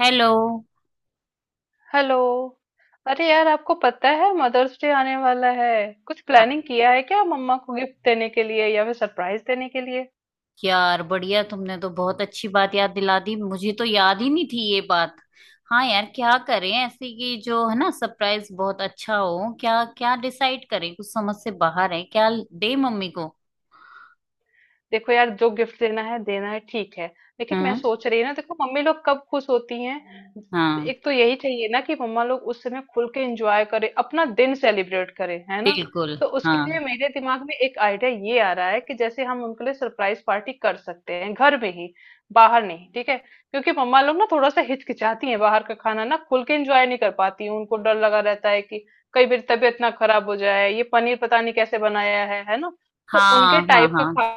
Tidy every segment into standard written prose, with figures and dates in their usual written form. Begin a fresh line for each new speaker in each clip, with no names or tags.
Hello.
Hello. अरे यार, आपको पता है मदर्स डे आने वाला है। कुछ
हाँ,
प्लानिंग किया है क्या, मम्मा को गिफ्ट देने के लिए या फिर सरप्राइज देने के लिए?
यार बढ़िया, तुमने तो बहुत अच्छी बात याद दिला दी, मुझे तो याद ही नहीं थी ये बात। हाँ यार, क्या करें ऐसे कि जो है ना सरप्राइज बहुत अच्छा हो, क्या क्या डिसाइड करें, कुछ समझ से बाहर है क्या दे मम्मी को।
देखो यार, जो गिफ्ट देना है देना है, ठीक है, लेकिन मैं
हम्म।
सोच रही हूँ ना, देखो मम्मी लोग कब खुश होती हैं।
हाँ।
एक तो यही चाहिए ना कि मम्मा लोग उस समय खुल के एंजॉय करें, अपना दिन सेलिब्रेट करें, है ना।
बिल्कुल।
तो उसके लिए
हाँ
मेरे दिमाग में एक आइडिया ये आ रहा है कि जैसे हम उनके लिए सरप्राइज पार्टी कर सकते हैं घर में ही, बाहर नहीं, ठीक है, क्योंकि मम्मा लोग ना थोड़ा सा हिचकिचाती हैं, बाहर का खाना ना खुल के एंजॉय नहीं कर पाती हैं। उनको डर लगा रहता है कि कई बार तबीयत ना खराब हो जाए, ये पनीर पता नहीं कैसे बनाया है ना। तो उनके
हाँ,
टाइप का
हाँ
खा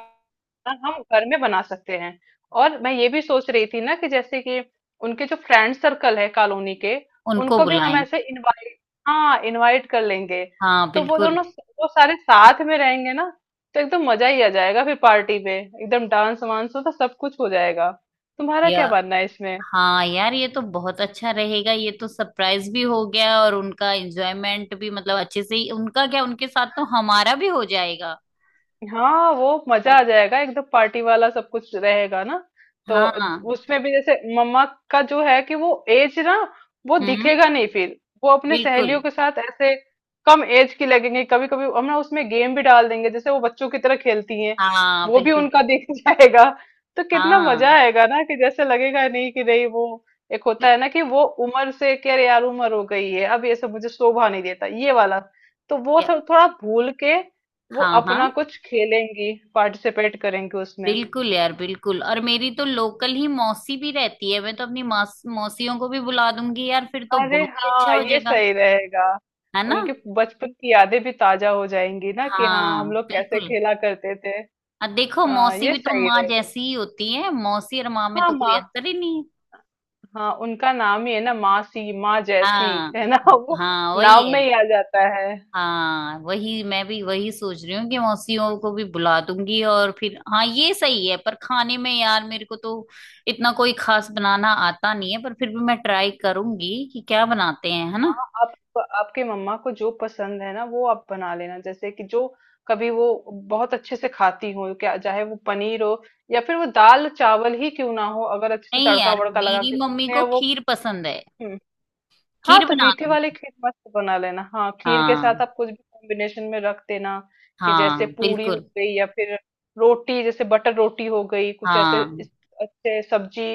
ना हम घर में बना सकते हैं। और मैं ये भी सोच रही थी ना कि जैसे कि उनके जो फ्रेंड सर्कल है कॉलोनी के,
उनको
उनको भी हम
बुलाएं।
ऐसे इनवाइट कर लेंगे।
हाँ
तो वो
बिल्कुल।
दोनों, वो सारे साथ में रहेंगे ना, तो एकदम मजा ही आ जाएगा, फिर पार्टी में एकदम डांस वांस हो तो सब कुछ हो जाएगा। तुम्हारा
या,
क्या मानना है इसमें?
हाँ यार ये तो बहुत अच्छा रहेगा, ये तो सरप्राइज भी हो गया और उनका एंजॉयमेंट भी, मतलब अच्छे से ही उनका, क्या उनके साथ तो हमारा भी हो जाएगा।
हाँ, वो मजा आ हाँ जाएगा, एकदम पार्टी वाला सब कुछ रहेगा ना। तो
हाँ।
उसमें भी जैसे मम्मा का जो है कि वो एज ना, वो
हम्म।
दिखेगा नहीं फिर। वो अपने
बिल्कुल।
सहेलियों के साथ ऐसे कम एज की लगेंगे। कभी कभी हम ना उसमें गेम भी डाल देंगे, जैसे वो बच्चों की तरह खेलती हैं,
हाँ
वो भी
बिल्कुल
उनका
बिल्कुल।
दिख जाएगा। तो कितना मजा
हाँ।
आएगा ना, कि जैसे लगेगा नहीं कि नहीं वो, एक होता
बिल-
है ना कि वो उम्र से, कि अरे यार उम्र हो गई है, अब ये सब मुझे शोभा नहीं देता, ये वाला तो वो
या-
सब थोड़ा भूल के वो
हाँ
अपना
हाँ,
कुछ खेलेंगी, पार्टिसिपेट करेंगी उसमें।
बिल्कुल यार बिल्कुल, और मेरी तो लोकल ही मौसी भी रहती है, मैं तो अपनी मौसियों को भी बुला दूंगी यार, फिर तो
अरे
बहुत ही अच्छा
हाँ,
हो
ये
जाएगा।
सही रहेगा।
है ना?
उनके बचपन की यादें भी ताजा हो जाएंगी ना, कि हाँ
हाँ
हम लोग कैसे
बिल्कुल।
खेला करते थे।
और देखो,
हाँ
मौसी
ये
भी तो
सही
माँ
रहेगा।
जैसी ही होती है, मौसी और माँ में
हाँ
तो कोई
माँ।
अंतर ही नहीं है।
हाँ, उनका नाम ही है ना, मासी माँ जैसी,
हाँ।
है ना वो
हाँ वही
नाम
है।
में ही आ जाता है।
हाँ वही, मैं भी वही सोच रही हूँ कि मौसियों को भी बुला दूंगी, और फिर हाँ ये सही है। पर खाने में यार मेरे को तो इतना कोई खास बनाना आता नहीं है, पर फिर भी मैं ट्राई करूंगी कि क्या बनाते हैं, है ना?
आप, आपकी मम्मा को जो पसंद है ना वो आप बना लेना, जैसे कि जो कभी वो बहुत अच्छे से खाती हो क्या, चाहे वो पनीर हो या फिर वो दाल चावल ही क्यों ना हो, अगर अच्छे से
नहीं
तड़का
यार,
वड़का लगा
मेरी
के
मम्मी
उन्हें
को
वो।
खीर पसंद है।
हम्म। हाँ
खीर
तो
बना
मीठे वाले
दूंगी।
खीर मस्त बना लेना। हाँ, खीर के साथ
हाँ।
आप कुछ भी कॉम्बिनेशन में रख देना, कि जैसे
हाँ
पूरी हो
बिल्कुल।
गई या फिर रोटी, जैसे बटर रोटी हो गई, कुछ ऐसे
हाँ।
अच्छे सब्जी।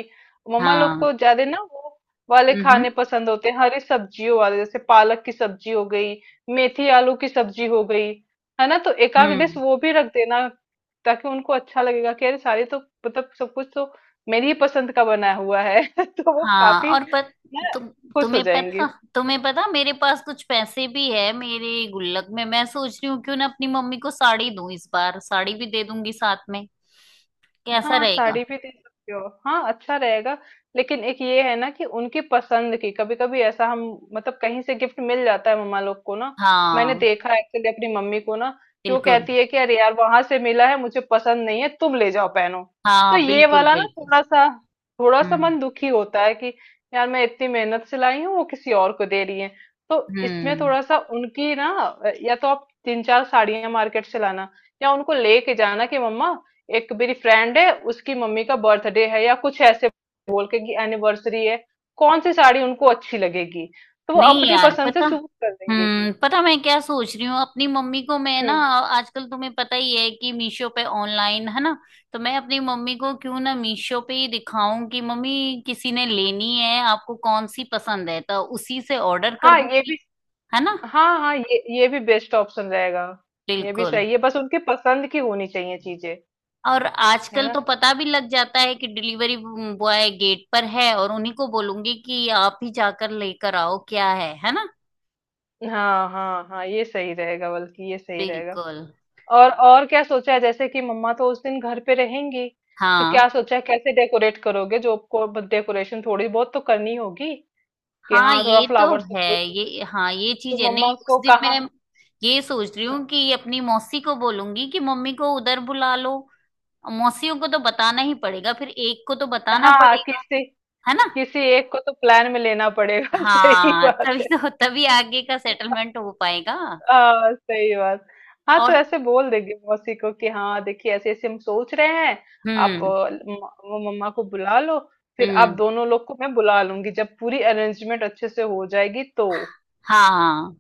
मम्मा लोग
हाँ।
को ज्यादा ना वो वाले
हम्म।
खाने पसंद होते हैं, हरी सब्जियों वाले, जैसे पालक की सब्जी हो गई, मेथी आलू की सब्जी हो गई, है ना। तो एक आध डिश
हम्म।
वो भी रख देना, ताकि उनको अच्छा लगेगा कि अरे सारे तो, मतलब सब कुछ तो मेरी ही पसंद का बना हुआ है तो वो
हाँ
काफी
और पत,
ना
तु,
खुश हो
तुम्हें पता,
जाएंगे।
तुम्हें पता मेरे पास कुछ पैसे भी है मेरे गुल्लक में, मैं सोच रही हूँ क्यों ना अपनी मम्मी को साड़ी दूं, इस बार साड़ी भी दे दूंगी साथ में। कैसा
हाँ,
रहेगा?
साड़ी भी दे सकते हो। हाँ, अच्छा रहेगा। लेकिन एक ये है ना कि उनकी पसंद की, कभी कभी ऐसा हम, मतलब कहीं से गिफ्ट मिल जाता है मम्मा लोग को ना, मैंने
हाँ
देखा एक्चुअली अपनी मम्मी को ना, कि वो
बिल्कुल।
कहती है कि अरे यार वहां से मिला है, मुझे पसंद नहीं है, तुम ले जाओ पहनो। तो
हाँ
ये
बिल्कुल
वाला ना
बिल्कुल।
थोड़ा सा, थोड़ा सा
हम्म।
मन दुखी होता है कि यार मैं इतनी मेहनत से लाई हूँ, वो किसी और को दे रही है। तो इसमें
हम्म।
थोड़ा सा उनकी ना, या तो आप तीन चार साड़ियां मार्केट से लाना, या उनको लेके जाना कि मम्मा, एक मेरी फ्रेंड है उसकी मम्मी का बर्थडे है या कुछ ऐसे बोल के कि एनिवर्सरी है, कौन सी साड़ी उनको अच्छी लगेगी, तो वो
नहीं
अपनी
यार
पसंद से
पता,
चूज कर देंगे।
हम्म, पता मैं क्या सोच रही हूँ अपनी मम्मी को, मैं ना
हम्म।
आजकल तुम्हें पता ही है कि मीशो पे ऑनलाइन है ना, तो मैं अपनी मम्मी को क्यों ना मीशो पे ही दिखाऊं कि मम्मी किसी ने लेनी है, आपको कौन सी पसंद है, तो उसी से ऑर्डर कर
हाँ ये भी,
दूंगी। है ना?
हाँ हाँ, ये भी बेस्ट ऑप्शन रहेगा। ये भी
बिल्कुल।
सही है, बस उनके पसंद की होनी चाहिए चीजें।
और
है
आजकल
ना।
तो पता भी लग जाता है कि डिलीवरी बॉय गेट पर है, और उन्हीं को बोलूंगी कि आप ही जाकर लेकर आओ क्या है ना?
हाँ हाँ हाँ ये सही रहेगा, बल्कि ये सही रहेगा।
बिल्कुल।
और क्या सोचा है, जैसे कि मम्मा तो उस दिन घर पे रहेंगी, तो क्या
हाँ
सोचा है, कैसे डेकोरेट करोगे, जो आपको डेकोरेशन थोड़ी बहुत तो करनी होगी, कि
हाँ,
हाँ थोड़ा
ये तो
फ्लावर से
है।
कुछ,
ये हाँ, ये
तो
चीज है।
मम्मा
नहीं उस
को
दिन
कहा।
मैं ये सोच रही हूँ
हाँ,
कि अपनी मौसी को बोलूंगी कि मम्मी को उधर बुला लो। मौसियों को तो बताना ही पड़ेगा, फिर एक को तो बताना
हाँ,
पड़ेगा।
किसी,
है ना?
किसी एक को तो प्लान में लेना पड़ेगा सही
हाँ
बात
तभी
है।
तो, तभी आगे का सेटलमेंट हो पाएगा।
हाँ सही बात। हाँ तो
और,
ऐसे बोल देगी मौसी को कि हाँ देखिए, ऐसे ऐसे हम सोच रहे हैं, आप
हम्म।
वो मम्मा को बुला लो, फिर आप
हम्म।
दोनों लोग को मैं बुला लूंगी जब पूरी अरेंजमेंट अच्छे से हो जाएगी तो।
हाँ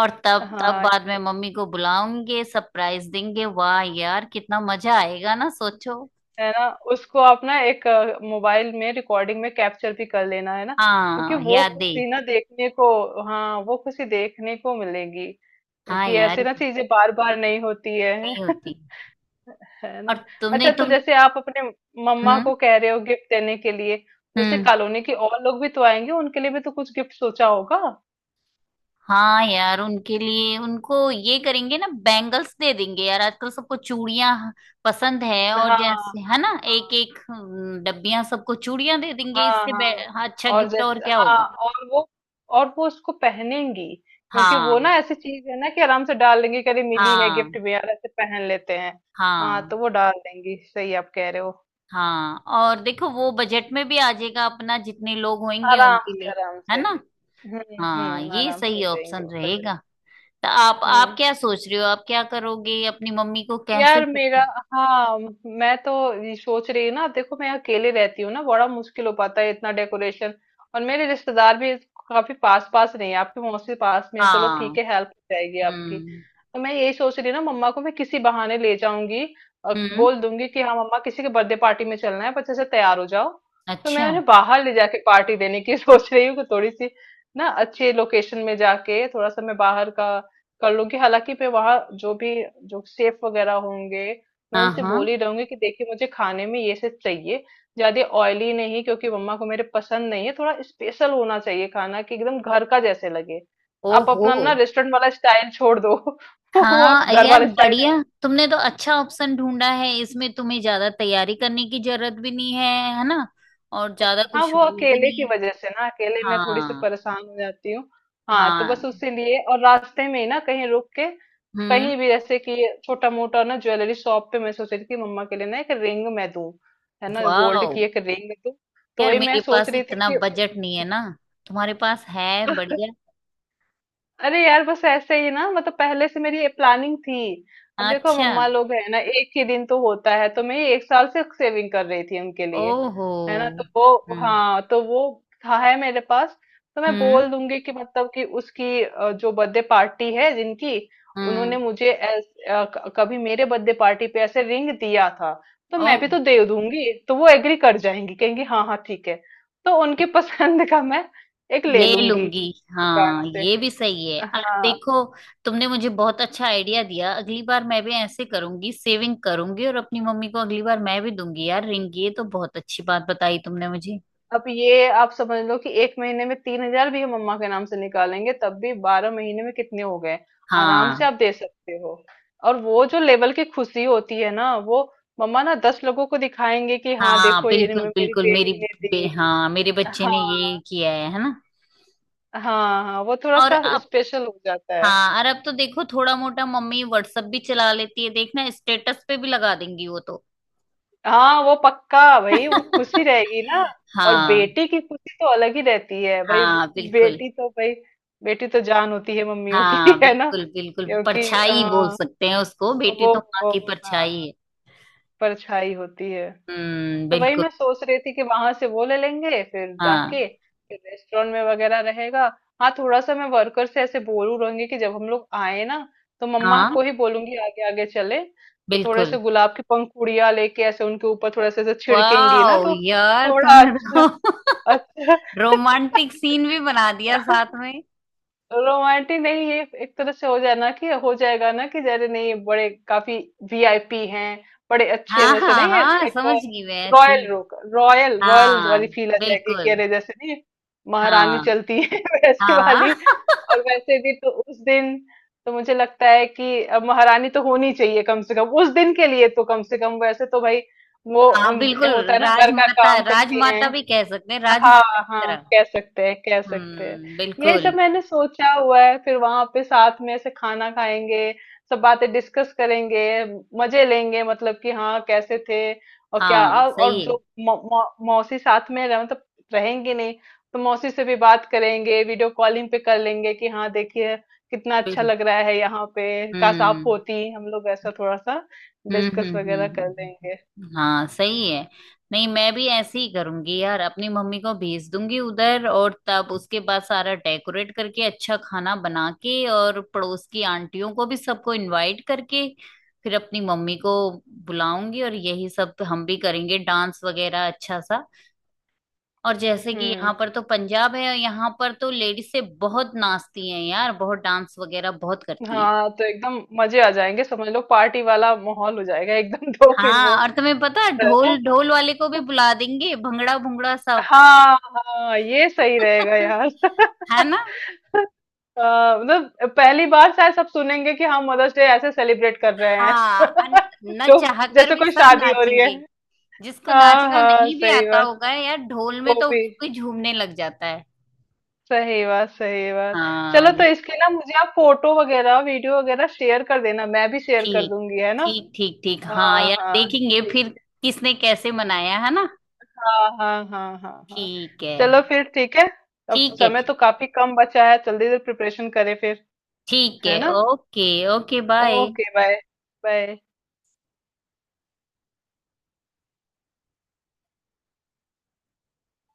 और तब, तब
हाँ,
बाद में मम्मी को बुलाऊंगे, सरप्राइज देंगे। वाह यार कितना मजा आएगा ना, सोचो।
है ना। उसको आप ना एक मोबाइल में रिकॉर्डिंग में कैप्चर भी कर लेना, है ना, क्योंकि
हाँ
वो
यादें।
खुशी ना देखने को, हाँ वो खुशी देखने को मिलेगी,
हाँ
क्योंकि ऐसे
यार,
ना चीजें बार बार नहीं होती है
नहीं होती।
है
और
ना।
तुमने,
अच्छा, तो
तुम मतलब,
जैसे आप अपने मम्मा
हम्म।
को कह रहे हो गिफ्ट देने के लिए, तो जैसे
हम्म।
कॉलोनी के और लोग भी तो आएंगे, उनके लिए भी तो कुछ गिफ्ट सोचा होगा।
हाँ यार उनके लिए, उनको ये करेंगे ना, बैंगल्स दे देंगे यार, आजकल सबको चूड़ियां पसंद है। और
हाँ हाँ
जैसे है ना एक
हाँ।
एक डब्बियां, सबको चूड़ियां दे देंगे।
हाँ हाँ
हाँ, अच्छा
और
गिफ्ट और
जैसे
क्या
हाँ,
होगा।
और वो, और वो उसको पहनेंगी, क्योंकि वो
हाँ
ना ऐसी चीज है ना कि आराम से डाल लेंगी। कभी मिली है
हाँ
गिफ्ट में यार, ऐसे पहन लेते हैं। हाँ
हाँ।
तो वो डाल देंगी, सही आप कह रहे हो।
हाँ और देखो वो बजट में भी आ जाएगा अपना, जितने लोग होंगे
आराम
उनके
से,
लिए।
आराम
है
से।
ना? हाँ
हम्म,
ये
आराम से हो
सही
जाएंगी
ऑप्शन
वो प्रोजेक्ट।
रहेगा। तो आप
हम्म।
क्या सोच रहे हो, आप क्या करोगे अपनी मम्मी को कैसे
यार
सब।
मेरा, हाँ, मैं तो ये सोच रही हूँ ना, देखो मैं अकेले रहती हूँ ना, बड़ा मुश्किल हो पाता है इतना डेकोरेशन। और मेरे रिश्तेदार भी काफी पास पास नहीं है, आपकी मौसी पास में है, चलो
हाँ।
ठीक है, हेल्प हो जाएगी आपकी।
हम्म।
तो मैं यही सोच रही हूँ ना, मम्मा को मैं किसी बहाने ले जाऊंगी, और
हम्म।
बोल दूंगी कि हाँ मम्मा, किसी के बर्थडे पार्टी में चलना है, बच्चे से तैयार हो जाओ। तो मैं
अच्छा।
उन्हें बाहर ले जाके पार्टी देने की सोच रही हूँ, कि थोड़ी सी ना अच्छे लोकेशन में जाके थोड़ा सा मैं बाहर का कर लूंगी। हालांकि मैं वहाँ जो भी, जो शेफ वगैरह होंगे, मैं
हाँ।
उनसे
हाँ।
बोल ही रहूंगी कि देखिए, मुझे खाने में ये सब चाहिए, ज्यादा ऑयली नहीं, क्योंकि मम्मा को मेरे पसंद नहीं है, थोड़ा स्पेशल होना चाहिए खाना, कि एकदम घर का जैसे लगे। आप अपना
ओहो।
ना रेस्टोरेंट वाला स्टाइल छोड़ दो वो आप
हाँ
घर
यार
वाले स्टाइल।
बढ़िया, तुमने तो अच्छा ऑप्शन ढूंढा है, इसमें तुम्हें ज्यादा तैयारी करने की जरूरत भी नहीं है। है ना? और ज्यादा
हाँ,
कुछ
वो
वो भी
अकेले
नहीं
की
है।
वजह से ना, अकेले मैं थोड़ी सी
हाँ।
परेशान हो जाती हूँ। हाँ तो बस
हाँ।
उसी लिए, और रास्ते में ही ना कहीं रुक के,
हम्म।
कहीं भी, जैसे कि छोटा मोटा ना ज्वेलरी शॉप पे, मैं सोच रही थी कि मम्मा के लिए ना एक रिंग मैं दूँ, है ना, गोल्ड
वाह
की एक रिंग दूँ। तो
यार,
वही
मेरे
मैं सोच
पास
रही थी
इतना
कि
बजट नहीं है ना, तुम्हारे पास है बढ़िया।
अरे यार बस ऐसे ही ना, मतलब पहले से मेरी ये प्लानिंग थी। अब देखो
अच्छा।
मम्मा लोग है ना, एक ही दिन तो होता है, तो मैं ये एक साल से सेविंग कर रही थी उनके लिए,
ओहो।
है ना, तो वो,
हम्म।
हाँ तो वो था, है मेरे पास। तो मैं
हम्म।
बोल दूंगी कि मतलब कि उसकी जो बर्थडे पार्टी है जिनकी,
हम्म।
उन्होंने मुझे कभी मेरे बर्थडे पार्टी पे ऐसे रिंग दिया था, तो मैं भी
ओहो।
तो दे दूंगी, तो वो एग्री कर जाएंगी, कहेंगी हाँ हाँ ठीक है। तो उनकी पसंद का मैं एक ले
ले
लूंगी
लूंगी।
दुकान
हाँ
से।
ये भी सही है, और
हाँ,
देखो तुमने मुझे बहुत अच्छा आइडिया दिया, अगली बार मैं भी ऐसे करूंगी, सेविंग करूंगी और अपनी मम्मी को अगली बार मैं भी दूंगी यार रिंग। ये तो बहुत अच्छी बात बताई तुमने मुझे।
अब ये आप समझ लो कि 1 महीने में 3,000 भी हम मम्मा के नाम से निकालेंगे, तब भी 12 महीने में कितने हो गए? आराम
हाँ।
से आप दे सकते हो। और वो जो लेवल की खुशी होती है ना, वो मम्मा ना 10 लोगों को दिखाएंगे कि हाँ
हाँ
देखो ये
बिल्कुल
मेरी
बिल्कुल मेरी,
बेटी ने दी।
हाँ मेरे बच्चे ने ये
हाँ,
किया है ना?
हाँ, हाँ, वो थोड़ा
और
सा
अब,
स्पेशल हो जाता है।
हाँ और अब तो देखो थोड़ा मोटा मम्मी व्हाट्सएप भी चला लेती है, देखना स्टेटस पे भी लगा देंगी वो तो।
हाँ वो पक्का भाई, वो खुशी रहेगी ना। और
हाँ।
बेटी की खुशी तो अलग ही रहती है भाई,
हाँ बिल्कुल।
बेटी तो भाई, बेटी तो जान होती है मम्मियों की
हाँ
है ना।
बिल्कुल बिल्कुल,
क्योंकि
परछाई बोल
आ,
सकते हैं उसको, बेटी
वो,
तो माँ
वो
की
हाँ
परछाई है।
परछाई होती है। तो वही
बिल्कुल।
मैं सोच रही थी कि वहां से वो ले लेंगे फिर
हाँ।
जाके, फिर रेस्टोरेंट में वगैरह रहेगा। हाँ, थोड़ा सा मैं वर्कर से ऐसे बोलू रहूंगी कि जब हम लोग आए ना, तो मम्मा
हाँ
को ही बोलूंगी आगे आगे चले, तो थोड़े से
बिल्कुल।
गुलाब की पंखुड़ियां लेके ऐसे उनके ऊपर थोड़ा सा ऐसे छिड़केंगी ना,
वाओ
तो
यार
थोड़ा
तूने
अच्छा,
तो
अच्छा
रोमांटिक सीन भी बना दिया साथ में।
रोमांटिक नहीं, ये एक तरह से हो जाए ना कि हो जाएगा ना कि जरे नहीं बड़े, काफी वीआईपी हैं, बड़े अच्छे
हाँ
जैसे
हाँ
नहीं, एक,
हाँ,
एक
समझ गई मैं। ठीक।
रॉयल, रॉयल
हाँ।
वाली फील आ जाएगी, कि
बिल्कुल।
अरे जैसे नहीं महारानी
हाँ।
चलती है वैसी वाली।
हाँ।
और वैसे भी तो उस दिन, तो मुझे लगता है कि अब महारानी तो होनी चाहिए कम से कम उस दिन के लिए, तो कम से कम वैसे तो भाई, वो
हाँ
होता
बिल्कुल,
है ना घर का
राजमाता,
काम करती
राजमाता
हैं।
भी कह सकते हैं,
हाँ,
राजमाता की
हाँ
तरह।
कह सकते हैं कह सकते हैं। यही
बिल्कुल।
सब मैंने सोचा हुआ है, फिर वहां पे साथ में ऐसे खाना खाएंगे, सब बातें डिस्कस करेंगे, मजे लेंगे, मतलब कि हाँ कैसे थे, और क्या,
हाँ
और
सही है।
जो मौ, मौ, मौसी साथ में रह, मतलब रहेंगी नहीं, तो मौसी से भी बात करेंगे, वीडियो कॉलिंग पे कर लेंगे, कि हाँ देखिए कितना अच्छा
बिल-
लग रहा है यहाँ पे, काश आप
हम्म
होती, हम लोग ऐसा थोड़ा सा डिस्कस वगैरह कर लेंगे।
हाँ सही है। नहीं मैं भी ऐसे ही करूंगी यार, अपनी मम्मी को भेज दूंगी उधर, और तब उसके बाद सारा डेकोरेट करके, अच्छा खाना बना के, और पड़ोस की आंटियों को भी सबको इनवाइट करके फिर अपनी मम्मी को बुलाऊंगी, और यही सब हम भी करेंगे डांस वगैरह अच्छा सा। और जैसे कि
हम्म।
यहाँ पर तो पंजाब है, यहाँ पर तो लेडीज से बहुत नाचती हैं यार, बहुत डांस वगैरह बहुत करती हैं।
हाँ तो एकदम मजे आ जाएंगे, समझ लो पार्टी वाला माहौल हो जाएगा एकदम तो फिर
हाँ।
वो।
और तुम्हें पता है,
है
ढोल,
ना,
ढोल वाले को भी बुला देंगे, भंगड़ा भुंगड़ा सब।
हाँ हाँ ये सही रहेगा यार
है ना?
हाँ, मतलब पहली बार शायद सब सुनेंगे कि हम मदर्स डे ऐसे सेलिब्रेट कर रहे हैं
हाँ। न
तो
चाह कर
जैसे
भी
कोई
सब
शादी हो रही है।
नाचेंगे। जिसको
हाँ
नाचना
हाँ
नहीं भी
सही
आता
बात,
होगा यार, ढोल में
वो
तो
भी
उधर कोई झूमने लग जाता है।
सही बात, सही बात।
हाँ
चलो, तो
ये,
इसके ना मुझे आप फोटो वगैरह वीडियो वगैरह शेयर कर देना, मैं भी शेयर कर
ठीक
दूंगी, है ना।
ठीक ठीक ठीक। हाँ
हाँ
यार
हाँ
देखेंगे फिर किसने कैसे मनाया, है ना?
हाँ हाँ हाँ। हाँ हाँ।
ठीक है।
चलो फिर ठीक है। अब तो
ठीक है।
समय तो काफी कम बचा है, जल्दी से प्रिपरेशन करें फिर।
ठीक
है
है,
ना।
Okay. Okay bye.
Okay bye. Bye.